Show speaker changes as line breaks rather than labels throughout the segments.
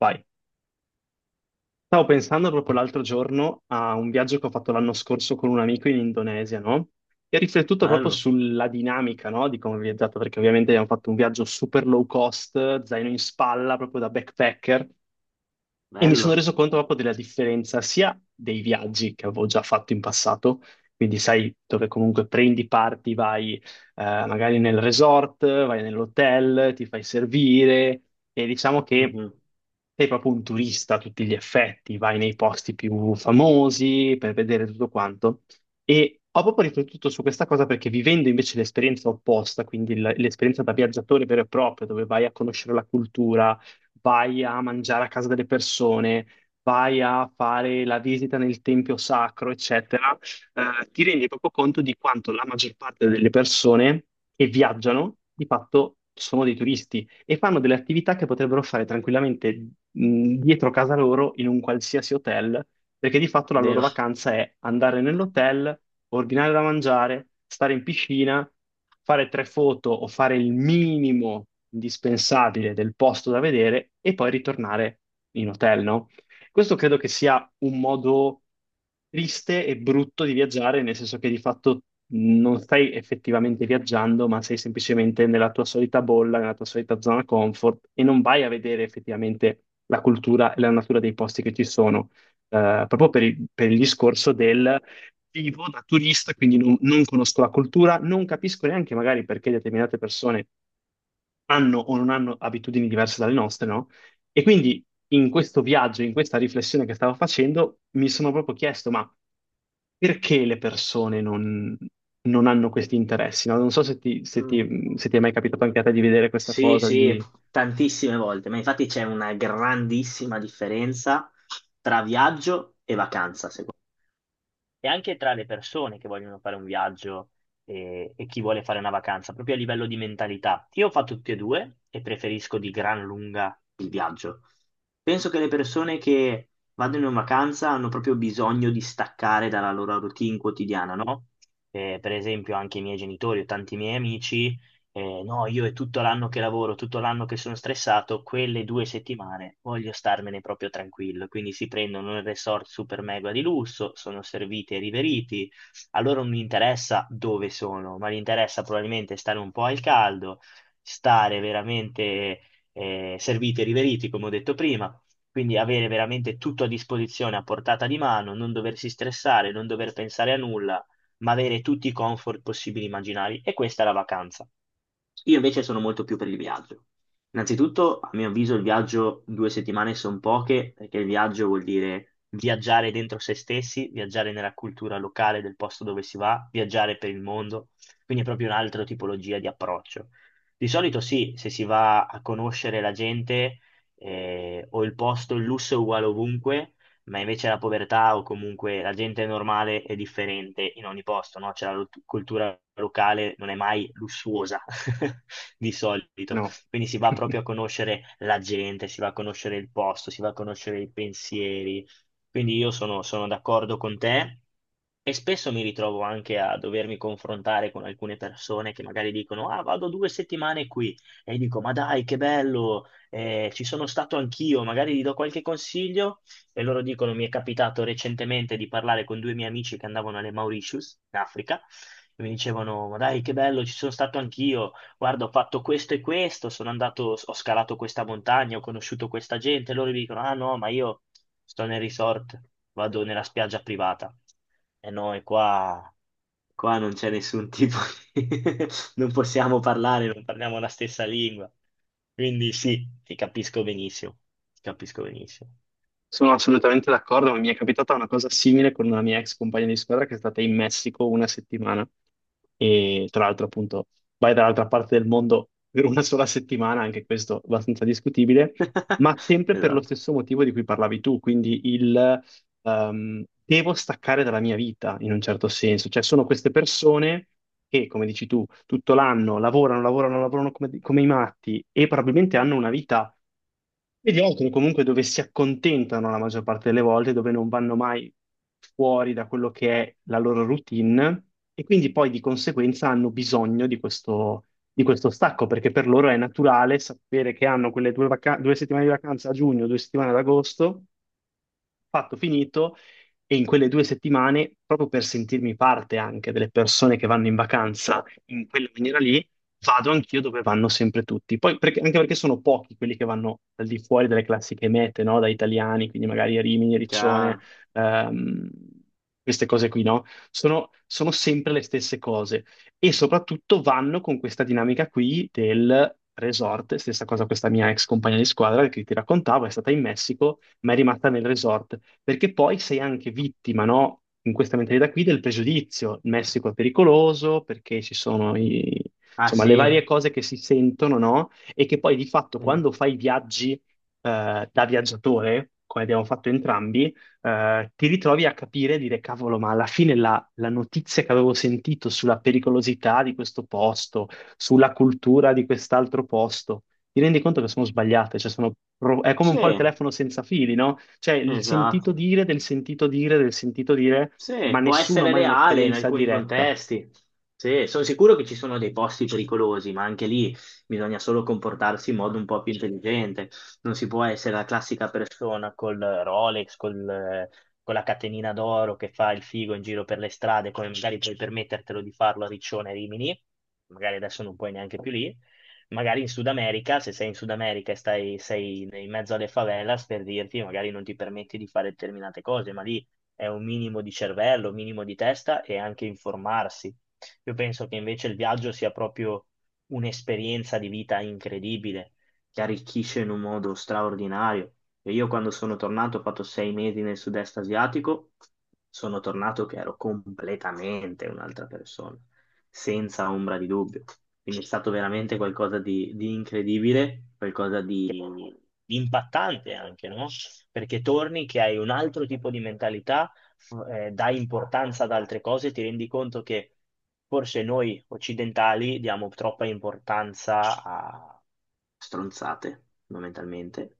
Vai. Stavo pensando proprio l'altro giorno a un viaggio che ho fatto l'anno scorso con un amico in Indonesia, no? E ho riflettuto proprio
Bello,
sulla dinamica, no? Di come ho viaggiato, perché ovviamente abbiamo fatto un viaggio super low cost, zaino in spalla, proprio da backpacker. E mi sono
bello.
reso conto proprio della differenza sia dei viaggi che avevo già fatto in passato, quindi sai dove comunque prendi parti, vai magari nel resort, vai nell'hotel, ti fai servire e diciamo che
Mhm.
sei proprio un turista a tutti gli effetti, vai nei posti più famosi per vedere tutto quanto. E ho proprio riflettuto su questa cosa perché vivendo invece l'esperienza opposta, quindi l'esperienza da viaggiatore vero e proprio, dove vai a conoscere la cultura, vai a mangiare a casa delle persone, vai a fare la visita nel tempio sacro, eccetera. Ti rendi proprio conto di quanto la maggior parte delle persone che viaggiano di fatto sono dei turisti e fanno delle attività che potrebbero fare tranquillamente, dietro casa loro in un qualsiasi hotel, perché di fatto la loro
Vero.
vacanza è andare nell'hotel, ordinare da mangiare, stare in piscina, fare tre foto o fare il minimo indispensabile del posto da vedere e poi ritornare in hotel, no? Questo credo che sia un modo triste e brutto di viaggiare, nel senso che di fatto non stai effettivamente viaggiando, ma sei semplicemente nella tua solita bolla, nella tua solita zona comfort e non vai a vedere effettivamente la cultura e la natura dei posti che ci sono, proprio per il discorso del vivo da turista, quindi non conosco la cultura, non capisco neanche magari perché determinate persone hanno o non hanno abitudini diverse dalle nostre, no? E quindi in questo viaggio, in questa riflessione che stavo facendo, mi sono proprio chiesto, ma perché le persone non hanno questi interessi, no? Non so se
Mm.
ti è mai capitato anche a te di vedere questa
Sì,
cosa,
sì,
di...
tantissime volte, ma infatti c'è una grandissima differenza tra viaggio e vacanza, secondo me. E anche tra le persone che vogliono fare un viaggio e chi vuole fare una vacanza, proprio a livello di mentalità. Io ho fatto tutti e due e preferisco di gran lunga il viaggio. Penso che le persone che vadano in vacanza hanno proprio bisogno di staccare dalla loro routine quotidiana, no? Per esempio, anche i miei genitori o tanti miei amici, no, io è tutto l'anno che lavoro, tutto l'anno che sono stressato, quelle due settimane voglio starmene proprio tranquillo. Quindi si prendono un resort super mega di lusso, sono serviti e riveriti. A loro non interessa dove sono, ma gli interessa probabilmente stare un po' al caldo, stare veramente serviti e riveriti, come ho detto prima. Quindi avere veramente tutto a disposizione, a portata di mano, non doversi stressare, non dover pensare a nulla, ma avere tutti i comfort possibili e immaginari. E questa è la vacanza. Io invece sono molto più per il viaggio. Innanzitutto, a mio avviso, il viaggio due settimane sono poche, perché il viaggio vuol dire viaggiare dentro se stessi, viaggiare nella cultura locale del posto dove si va, viaggiare per il mondo, quindi è proprio un'altra tipologia di approccio. Di solito sì, se si va a conoscere la gente o il posto, il lusso è uguale ovunque, ma invece la povertà o comunque la gente normale è differente in ogni posto, no? Cioè la cultura locale non è mai lussuosa di solito,
no.
quindi si va proprio a conoscere la gente, si va a conoscere il posto, si va a conoscere i pensieri, quindi io sono d'accordo con te. E spesso mi ritrovo anche a dovermi confrontare con alcune persone che magari dicono: "Ah, vado due settimane qui." E dico: "Ma dai, che bello, ci sono stato anch'io." Magari gli do qualche consiglio e loro dicono, mi è capitato recentemente di parlare con due miei amici che andavano alle Mauritius, in Africa, e mi dicevano: "Ma dai, che bello, ci sono stato anch'io, guarda, ho fatto questo e questo, sono andato, ho scalato questa montagna, ho conosciuto questa gente", e loro mi dicono: "Ah no, ma io sto nel resort, vado nella spiaggia privata." E noi qua, qua non c'è nessun tipo di... non possiamo parlare, non parliamo la stessa lingua. Quindi sì, ti capisco benissimo, ti capisco benissimo.
Sono assolutamente d'accordo, ma mi è capitata una cosa simile con una mia ex compagna di squadra che è stata in Messico una settimana e tra l'altro appunto vai dall'altra parte del mondo per una sola settimana, anche questo abbastanza discutibile, ma sempre per lo
Esatto.
stesso motivo di cui parlavi tu, quindi il devo staccare dalla mia vita in un certo senso, cioè sono queste persone che, come dici tu, tutto l'anno lavorano, lavorano, lavorano come i matti e probabilmente hanno una vita mediocre comunque dove si accontentano la maggior parte delle volte, dove non vanno mai fuori da quello che è la loro routine e quindi poi di conseguenza hanno bisogno di questo stacco perché per loro è naturale sapere che hanno quelle due, due settimane di vacanza a giugno, due settimane ad agosto, fatto, finito, e in quelle due settimane, proprio per sentirmi parte anche delle persone che vanno in vacanza in quella maniera lì, vado anch'io dove vanno sempre tutti. Poi, anche perché sono pochi quelli che vanno al di fuori delle classiche mete, no? Da italiani, quindi magari Rimini, Riccione,
Chiaro.
ehm, queste cose qui, no? Sono, sono sempre le stesse cose e soprattutto vanno con questa dinamica qui del resort, stessa cosa questa mia ex compagna di squadra che ti raccontavo, è stata in Messico, ma è rimasta nel resort perché poi sei anche vittima, no? In questa mentalità qui del pregiudizio. Il Messico è pericoloso perché ci sono
Ah
insomma, le
sì.
varie cose che si sentono, no? E che poi di fatto
Eh.
quando fai viaggi da viaggiatore, come abbiamo fatto entrambi, ti ritrovi a capire e dire, cavolo, ma alla fine la notizia che avevo sentito sulla pericolosità di questo posto, sulla cultura di quest'altro posto, ti rendi conto che sono sbagliate, cioè sono è come
Sì,
un po' il telefono senza fili, no? Cioè il sentito
esatto.
dire del sentito dire del sentito dire, ma
Sì, può
nessuno ha
essere
mai
reale in
un'esperienza
alcuni
diretta.
contesti. Sì, sono sicuro che ci sono dei posti pericolosi, ma anche lì bisogna solo comportarsi in modo un po' più intelligente. Non si può essere la classica persona col Rolex, con la catenina d'oro che fa il figo in giro per le strade, come magari puoi permettertelo di farlo a Riccione e Rimini, magari adesso non puoi neanche più lì. Magari in Sud America, se sei in Sud America e sei in mezzo alle favelas, per dirti, magari non ti permetti di fare determinate cose, ma lì è un minimo di cervello, un minimo di testa e anche informarsi. Io penso che invece il viaggio sia proprio un'esperienza di vita incredibile, che arricchisce in un modo straordinario. E io quando sono tornato, ho fatto sei mesi nel sud-est asiatico, sono tornato che ero completamente un'altra persona, senza ombra di dubbio. Quindi è stato veramente qualcosa di incredibile, qualcosa di impattante anche, no? Perché torni che hai un altro tipo di mentalità, dai importanza ad altre cose, ti rendi conto che forse noi occidentali diamo troppa importanza a stronzate, fondamentalmente,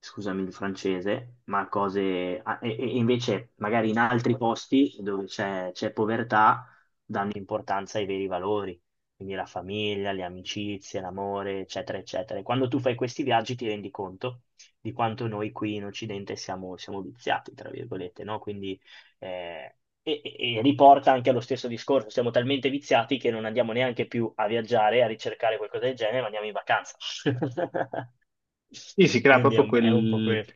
scusami il francese, ma cose... ah, E, e invece magari in altri posti dove c'è povertà danno importanza ai veri valori, quindi la famiglia, le amicizie, l'amore, eccetera, eccetera. E quando tu fai questi viaggi ti rendi conto di quanto noi qui in Occidente siamo viziati, tra virgolette, no? Quindi... eh, e riporta anche allo stesso discorso, siamo talmente viziati che non andiamo neanche più a viaggiare, a ricercare qualcosa del genere, ma andiamo in vacanza.
Sì, si crea
Quindi è
proprio
è un po'
quel,
questo.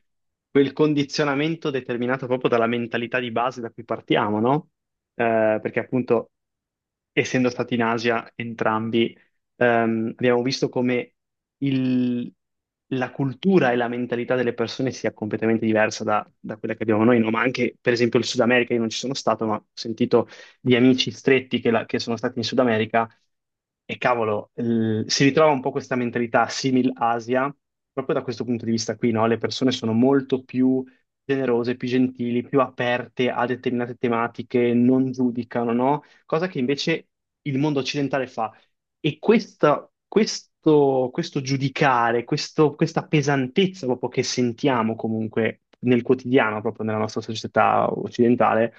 quel condizionamento determinato proprio dalla mentalità di base da cui partiamo, no? Perché appunto, essendo stati in Asia entrambi, abbiamo visto come il- la cultura e la mentalità delle persone sia completamente diversa da, da quella che abbiamo noi, no? Ma anche, per esempio, il Sud America, io non ci sono stato, ma ho sentito di amici stretti che sono stati in Sud America e cavolo, si ritrova un po' questa mentalità simil Asia, proprio da questo punto di vista qui, no? Le persone sono molto più generose, più gentili, più aperte a determinate tematiche, non giudicano, no? Cosa che invece il mondo occidentale fa. E questo, questo giudicare, questa pesantezza proprio che sentiamo comunque nel quotidiano, proprio nella nostra società occidentale,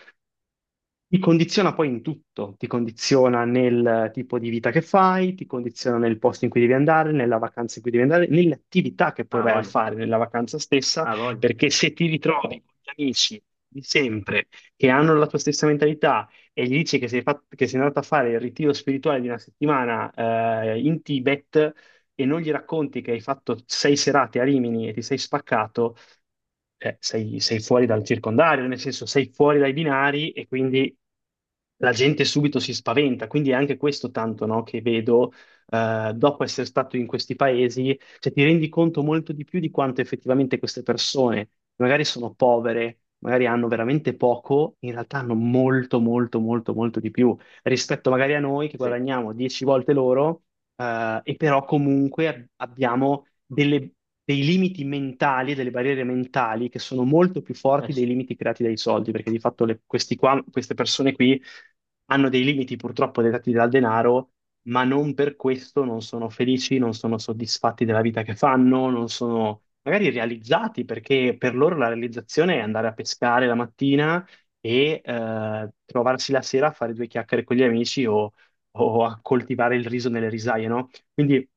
ti condiziona poi in tutto, ti condiziona nel tipo di vita che fai, ti condiziona nel posto in cui devi andare, nella vacanza in cui devi andare, nelle attività che poi
Ah,
vai a
voglio.
fare nella vacanza stessa,
Ah, voglio.
perché se ti ritrovi con gli amici di sempre che hanno la tua stessa mentalità e gli dici che sei andato a fare il ritiro spirituale di una settimana in Tibet e non gli racconti che hai fatto sei serate a Rimini e ti sei spaccato, cioè, sei, sei fuori dal circondario, nel senso sei fuori dai binari e quindi la gente subito si spaventa. Quindi è anche questo tanto, no, che vedo dopo essere stato in questi paesi, cioè ti rendi conto molto di più di quanto effettivamente queste persone, magari sono povere, magari hanno veramente poco, in realtà hanno molto, molto, molto, molto di più rispetto magari a noi che
Sì, eh
guadagniamo 10 volte loro, e però comunque abbiamo dei limiti mentali, delle barriere mentali che sono molto più forti dei
sì,
limiti creati dai soldi, perché di fatto queste persone qui hanno dei limiti purtroppo dettati dal denaro, ma non per questo non sono felici, non sono soddisfatti della vita che fanno, non sono magari realizzati, perché per loro la realizzazione è andare a pescare la mattina e trovarsi la sera a fare due chiacchiere con gli amici o a coltivare il riso nelle risaie, no? Quindi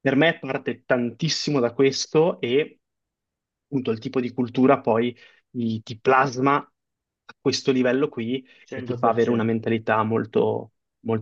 per me parte tantissimo da questo e appunto il tipo di cultura poi ti plasma a questo livello qui e ti fa avere una
100%.
mentalità molto, molto